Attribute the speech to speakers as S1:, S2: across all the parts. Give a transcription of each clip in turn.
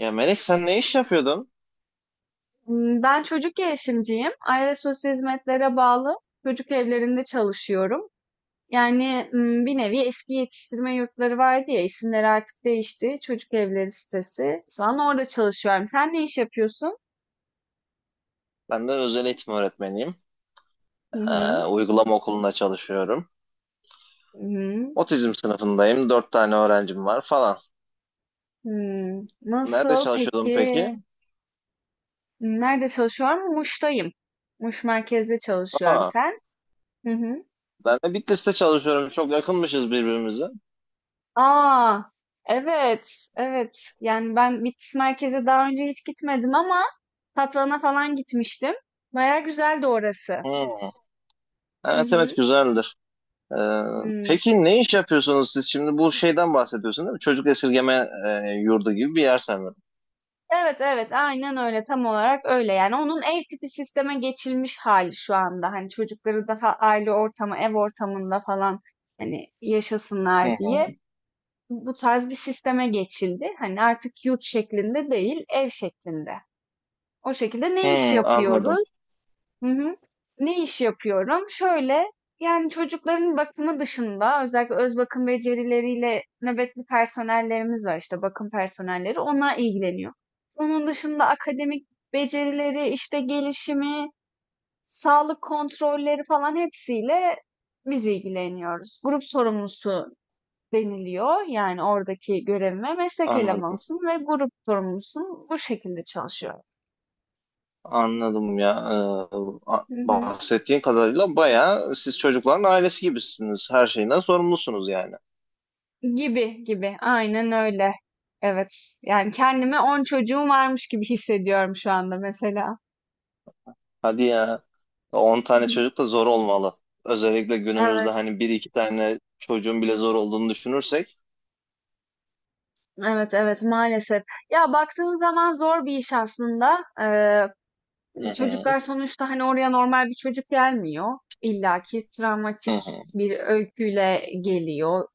S1: Ya Melek sen ne iş yapıyordun?
S2: Ben çocuk gelişimciyim. Aile sosyal hizmetlere bağlı çocuk evlerinde çalışıyorum. Yani, bir nevi eski yetiştirme yurtları vardı ya, isimleri artık değişti. Çocuk evleri sitesi. Şu an orada çalışıyorum. Sen ne iş yapıyorsun?
S1: Ben de özel eğitim öğretmeniyim.
S2: Hı hı.
S1: Uygulama okulunda çalışıyorum.
S2: Hı hı.
S1: Otizm sınıfındayım. Dört tane öğrencim var falan.
S2: Hımm.
S1: Nerede
S2: Nasıl
S1: çalışıyordun
S2: peki?
S1: peki?
S2: Nerede çalışıyorum? Muş'tayım. Muş merkezde çalışıyorum.
S1: Aa,
S2: Sen? Hı hı.
S1: ben de Bitlis'te çalışıyorum. Çok yakınmışız birbirimize.
S2: Aa, evet, evet. Yani ben Bitlis merkeze daha önce hiç gitmedim ama Tatvan'a falan gitmiştim. Baya güzeldi orası.
S1: Hmm,
S2: Hı
S1: evet evet
S2: hı.
S1: güzeldir. Ee,
S2: Hmm.
S1: peki ne iş yapıyorsunuz siz? Şimdi bu şeyden bahsediyorsun değil mi? Çocuk esirgeme yurdu gibi bir yer sanırım.
S2: Evet, evet, aynen öyle, tam olarak öyle. Yani onun ev tipi sisteme geçilmiş hali şu anda. Hani çocukları daha aile ortamı, ev ortamında falan hani
S1: Hı
S2: yaşasınlar diye
S1: hı.
S2: bu tarz bir sisteme geçildi. Hani artık yurt şeklinde değil, ev şeklinde. O şekilde ne iş
S1: Hmm, anladım.
S2: yapıyoruz? Hı hı. Ne iş yapıyorum? Şöyle, yani çocukların bakımı dışında özellikle öz bakım becerileriyle nöbetli personellerimiz var işte bakım personelleri. Onlar ilgileniyor. Onun dışında akademik becerileri, işte gelişimi, sağlık kontrolleri falan hepsiyle biz ilgileniyoruz. Grup sorumlusu deniliyor. Yani oradaki görevime meslek
S1: Anladım.
S2: elemanısın ve grup sorumlusun. Bu şekilde çalışıyorum.
S1: Anladım ya. Ee, a-
S2: Hı hı.
S1: bahsettiğin kadarıyla bayağı siz çocukların ailesi gibisiniz. Her şeyden sorumlusunuz yani.
S2: Gibi gibi. Aynen öyle. Evet. Yani kendimi 10 çocuğum varmış gibi hissediyorum şu anda mesela.
S1: Hadi ya. 10
S2: Hı
S1: tane
S2: hı.
S1: çocuk da zor olmalı. Özellikle günümüzde
S2: Evet,
S1: hani bir iki tane çocuğun bile zor olduğunu düşünürsek.
S2: evet, evet maalesef. Ya baktığın zaman zor bir iş aslında.
S1: Hı hı,
S2: Çocuklar sonuçta hani oraya normal bir çocuk gelmiyor. İlla ki
S1: hı
S2: travmatik
S1: hı.
S2: bir öyküyle geliyor.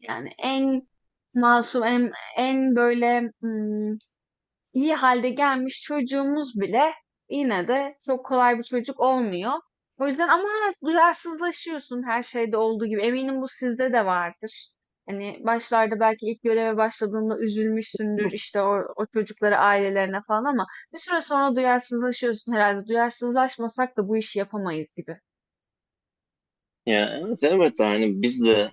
S2: Yani en masum, en, en böyle iyi halde gelmiş çocuğumuz bile yine de çok kolay bir çocuk olmuyor. O yüzden ama duyarsızlaşıyorsun her şeyde olduğu gibi. Eminim bu sizde de vardır. Hani başlarda belki ilk göreve başladığında üzülmüşsündür işte o çocukları ailelerine falan ama bir süre sonra duyarsızlaşıyorsun herhalde. Duyarsızlaşmasak da bu işi yapamayız gibi.
S1: Ya evet elbette hani biz de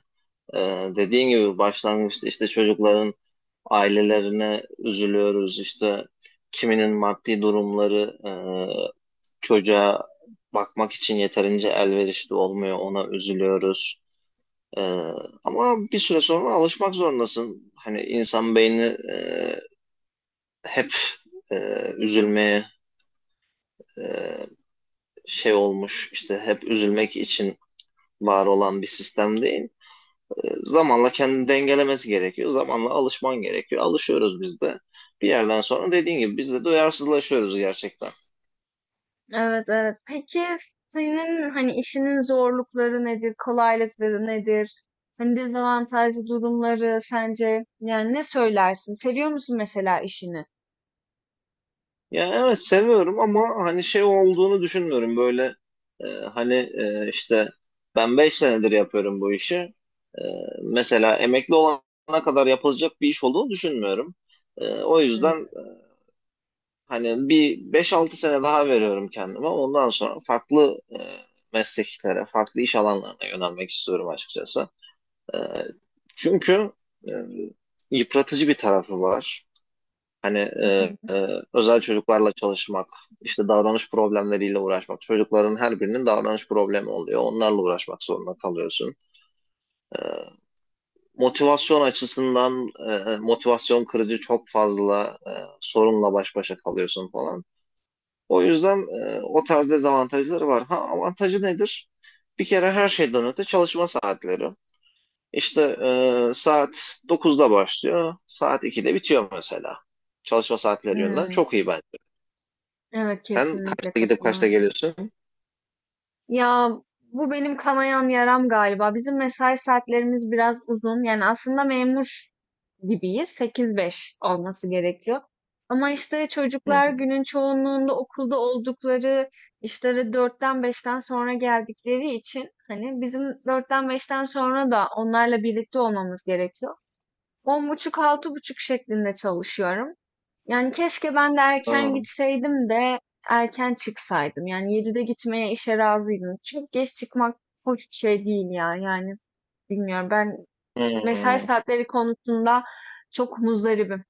S1: e, dediğin gibi başlangıçta işte çocukların ailelerine üzülüyoruz. İşte kiminin maddi durumları çocuğa bakmak için yeterince elverişli olmuyor. Ona üzülüyoruz. Ee, ama bir süre sonra alışmak zorundasın. Hani insan beyni hep e, üzülmeye e, şey olmuş. İşte hep üzülmek için var olan bir sistem değil. Zamanla kendini dengelemesi gerekiyor. Zamanla alışman gerekiyor. Alışıyoruz biz de. Bir yerden sonra dediğin gibi biz de duyarsızlaşıyoruz gerçekten.
S2: Evet, evet. Peki senin hani işinin zorlukları nedir, kolaylıkları nedir? Hani dezavantajlı durumları sence yani ne söylersin? Seviyor musun mesela işini?
S1: Ya evet seviyorum ama hani şey olduğunu düşünmüyorum. Böyle hani işte ben 5 senedir yapıyorum bu işi. E, mesela emekli olana kadar yapılacak bir iş olduğunu düşünmüyorum. O yüzden
S2: Hmm,
S1: hani bir beş altı sene daha veriyorum kendime. Ondan sonra farklı mesleklere, farklı iş alanlarına yönelmek istiyorum açıkçası. E, çünkü e, yıpratıcı bir tarafı var. Hani e,
S2: mhm.
S1: e, özel çocuklarla çalışmak, işte davranış problemleriyle uğraşmak. Çocukların her birinin davranış problemi oluyor. Onlarla uğraşmak zorunda kalıyorsun. E, motivasyon açısından motivasyon kırıcı çok fazla sorunla baş başa kalıyorsun falan. O yüzden o tarz dezavantajları var. Ha avantajı nedir? Bir kere her şeyden öte çalışma saatleri. İşte saat 9'da başlıyor, saat 2'de bitiyor mesela. Çalışma saatleri yönünden
S2: Hmm,
S1: çok iyi bence.
S2: Evet
S1: Sen
S2: kesinlikle
S1: kaçta gidip kaçta
S2: katılıyorum.
S1: geliyorsun?
S2: Ya bu benim kanayan yaram galiba. Bizim mesai saatlerimiz biraz uzun. Yani aslında memur gibiyiz. Sekiz beş olması gerekiyor. Ama işte çocuklar
S1: Hı.
S2: günün çoğunluğunda okulda oldukları işlere dörtten beşten sonra geldikleri için hani bizim dörtten beşten sonra da onlarla birlikte olmamız gerekiyor. On buçuk, altı buçuk şeklinde çalışıyorum. Yani keşke ben de erken
S1: Aa,
S2: gitseydim de erken çıksaydım. Yani 7'de gitmeye işe razıydım. Çok geç çıkmak hoş bir şey değil ya. Yani bilmiyorum ben mesai
S1: hı.
S2: saatleri konusunda çok muzdaribim.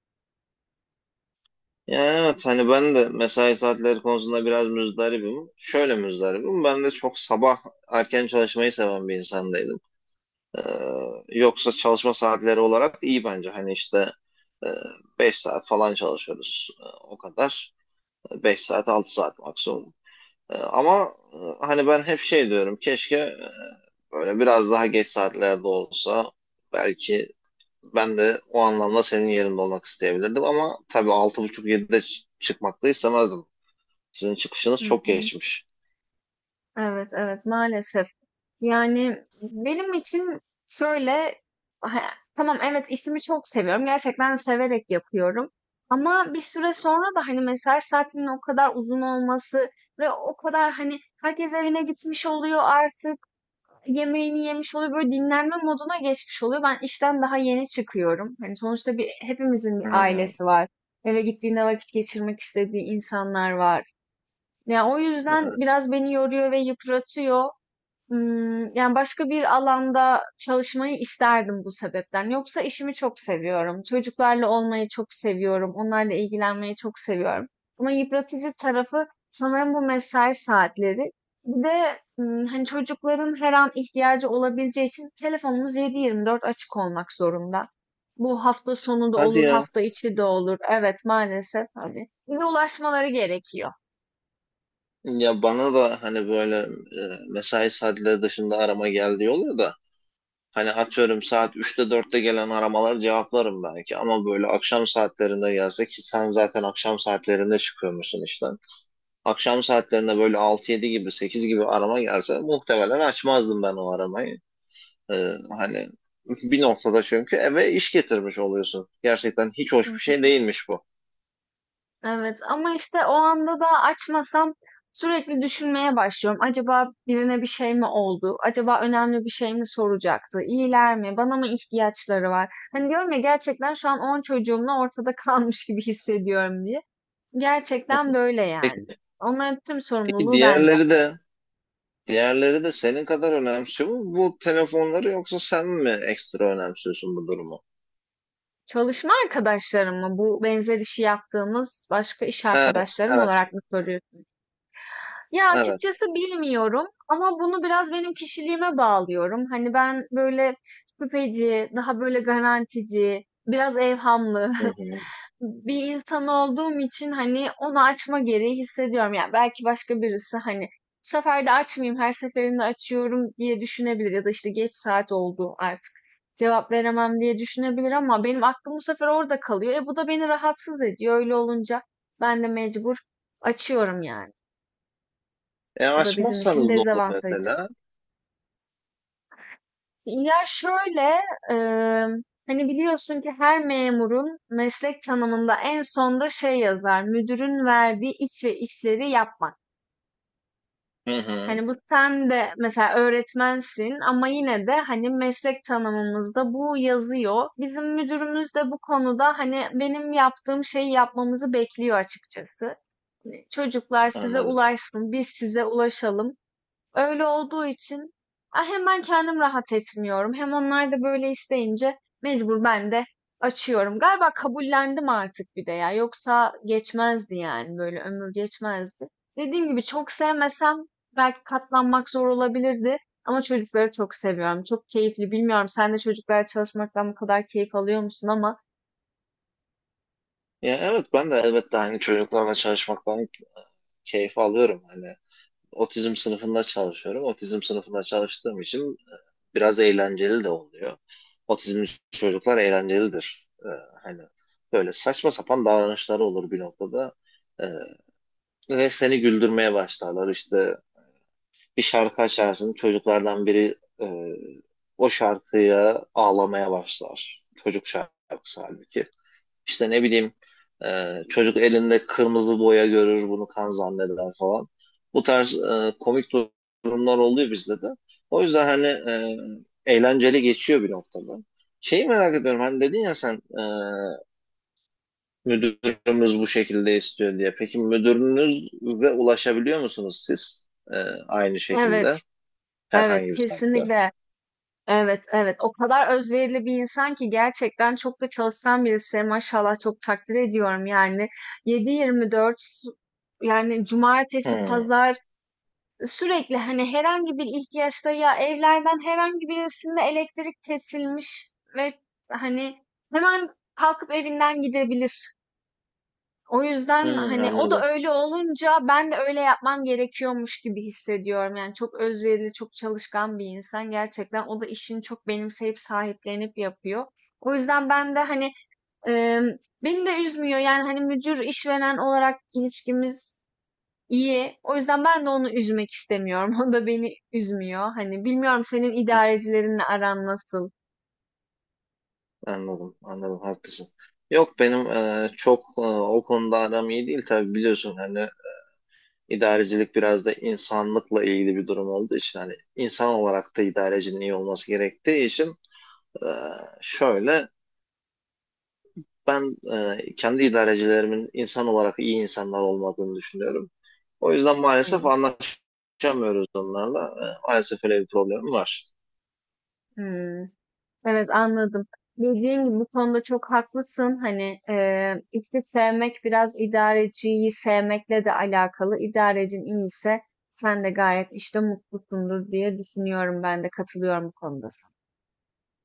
S1: Ya evet hani ben de mesai saatleri konusunda biraz müzdaribim. Şöyle müzdaribim. Ben de çok sabah erken çalışmayı seven bir insandaydım. Ee, yoksa çalışma saatleri olarak iyi bence. Hani işte e, 5 saat falan çalışıyoruz. O kadar. Beş saat 6 saat maksimum. Ama hani ben hep şey diyorum. Keşke böyle biraz daha geç saatlerde olsa belki. Ben de o anlamda senin yerinde olmak isteyebilirdim ama tabii 6.30-7'de çıkmak da istemezdim. Sizin çıkışınız
S2: Hı
S1: çok
S2: hı.
S1: geçmiş.
S2: Evet, evet, maalesef. Yani benim için şöyle, ha, tamam evet işimi çok seviyorum. Gerçekten severek yapıyorum. Ama bir süre sonra da hani mesai saatinin o kadar uzun olması ve o kadar hani herkes evine gitmiş oluyor artık, yemeğini yemiş oluyor, böyle dinlenme moduna geçmiş oluyor. Ben işten daha yeni çıkıyorum. Hani sonuçta bir hepimizin bir
S1: Hmm,
S2: ailesi var. Eve gittiğinde vakit geçirmek istediği insanlar var. Ya o yüzden
S1: evet.
S2: biraz beni yoruyor ve yıpratıyor. Yani, başka bir alanda çalışmayı isterdim bu sebepten. Yoksa işimi çok seviyorum. Çocuklarla olmayı çok seviyorum. Onlarla ilgilenmeyi çok seviyorum. Ama yıpratıcı tarafı sanırım bu mesai saatleri. Bir de, hani, çocukların her an ihtiyacı olabileceği için telefonumuz 7/24 açık olmak zorunda. Bu hafta sonu da
S1: Hadi
S2: olur,
S1: ya.
S2: hafta içi de olur. Evet, maalesef, hani, bize ulaşmaları gerekiyor.
S1: Ya bana da hani böyle mesai saatleri dışında arama geldiği oluyor da hani atıyorum saat üçte dörtte gelen aramaları cevaplarım belki ama böyle akşam saatlerinde gelse ki sen zaten akşam saatlerinde çıkıyormuşsun işten. Akşam saatlerinde böyle altı yedi gibi 8 gibi arama gelse muhtemelen açmazdım ben o aramayı. Hani bir noktada çünkü eve iş getirmiş oluyorsun. Gerçekten hiç hoş bir şey değilmiş bu.
S2: Evet ama işte o anda da açmasam sürekli düşünmeye başlıyorum. Acaba birine bir şey mi oldu? Acaba önemli bir şey mi soracaktı? İyiler mi? Bana mı ihtiyaçları var? Hani diyorum ya gerçekten şu an 10 çocuğumla ortada kalmış gibi hissediyorum diye. Gerçekten böyle yani.
S1: Peki,
S2: Onların tüm
S1: peki
S2: sorumluluğu bende.
S1: diğerleri de senin kadar önemsiyor mu bu telefonları yoksa sen mi ekstra önemsiyorsun bu durumu?
S2: Çalışma arkadaşlarım mı? Bu benzer işi yaptığımız başka iş arkadaşlarım
S1: Evet,
S2: olarak mı soruyorsun? Ya
S1: evet.
S2: açıkçası bilmiyorum ama bunu biraz benim kişiliğime bağlıyorum. Hani ben böyle şüpheci, daha böyle garantici, biraz evhamlı
S1: Hı hı.
S2: bir insan olduğum için hani onu açma gereği hissediyorum. Yani belki başka birisi hani bu sefer de açmayayım, her seferinde açıyorum diye düşünebilir ya da işte geç saat oldu artık cevap veremem diye düşünebilir ama benim aklım bu sefer orada kalıyor. E bu da beni rahatsız ediyor. Öyle olunca ben de mecbur açıyorum yani.
S1: E
S2: Bu da bizim için
S1: açmazsanız ne olur
S2: dezavantajı.
S1: mesela?
S2: Ya şöyle, eee, hani biliyorsun ki her memurun meslek tanımında en sonda şey yazar, müdürün verdiği iş ve işleri yapmak.
S1: Hı hı,
S2: Hani bu sen de mesela öğretmensin ama yine de hani meslek tanımımızda bu yazıyor. Bizim müdürümüz de bu konuda hani benim yaptığım şeyi yapmamızı bekliyor açıkçası. Çocuklar size
S1: anladım.
S2: ulaşsın, biz size ulaşalım. Öyle olduğu için hem ben kendim rahat etmiyorum hem onlar da böyle isteyince mecbur ben de açıyorum. Galiba kabullendim artık bir de ya. Yoksa geçmezdi yani böyle ömür geçmezdi. Dediğim gibi çok sevmesem belki katlanmak zor olabilirdi. Ama çocukları çok seviyorum. Çok keyifli. Bilmiyorum sen de çocuklarla çalışmaktan bu kadar keyif alıyor musun ama
S1: Ya evet ben de elbette hani çocuklarla çalışmaktan keyif alıyorum. Hani otizm sınıfında çalışıyorum. Otizm sınıfında çalıştığım için biraz eğlenceli de oluyor. Otizmli çocuklar eğlencelidir. Hani böyle saçma sapan davranışları olur bir noktada. Ee, ve seni güldürmeye başlarlar. İşte bir şarkı açarsın, çocuklardan biri o şarkıya ağlamaya başlar. Çocuk şarkısı halbuki. İşte ne bileyim çocuk elinde kırmızı boya görür bunu kan zanneder falan. Bu tarz komik durumlar oluyor bizde de. O yüzden hani eğlenceli geçiyor bir noktada. Şeyi merak ediyorum hani dedin ya sen müdürümüz bu şekilde istiyor diye. Peki müdürünüz ve ulaşabiliyor musunuz siz E, aynı şekilde
S2: evet.
S1: herhangi
S2: Evet
S1: bir saatte?
S2: kesinlikle. Evet, evet. O kadar özverili bir insan ki gerçekten çok da çalışkan birisi. Maşallah çok takdir ediyorum yani. 7-24 yani cumartesi,
S1: Hmm.
S2: pazar sürekli hani herhangi bir ihtiyaçta ya evlerden herhangi birisinde elektrik kesilmiş ve hani hemen kalkıp evinden gidebilir. O yüzden,
S1: Hmm,
S2: hani, o da
S1: anladım.
S2: öyle olunca ben de öyle yapmam gerekiyormuş gibi hissediyorum. Yani çok özverili, çok çalışkan bir insan gerçekten. O da işini çok benimseyip, sahiplenip yapıyor. O yüzden ben de, hani, emm, beni de üzmüyor. Yani, hani, müdür işveren olarak ilişkimiz iyi. O yüzden ben de onu üzmek istemiyorum. O da beni üzmüyor. Hani, bilmiyorum senin idarecilerinle aran nasıl?
S1: Anladım, anladım, haklısın. Yok benim çok o konuda aram iyi değil tabii biliyorsun hani idarecilik biraz da insanlıkla ilgili bir durum olduğu için hani insan olarak da idarecinin iyi olması gerektiği için e, şöyle ben kendi idarecilerimin insan olarak iyi insanlar olmadığını düşünüyorum. O yüzden maalesef
S2: Hıı.
S1: anlaşamıyoruz onlarla. Maalesef öyle bir problemim var.
S2: Hıı. Evet anladım. Dediğim gibi bu konuda çok haklısın. Hani işte sevmek biraz idareciyi sevmekle de alakalı. İdarecin iyiyse sen de gayet işte mutlusundur diye düşünüyorum ben de katılıyorum bu konuda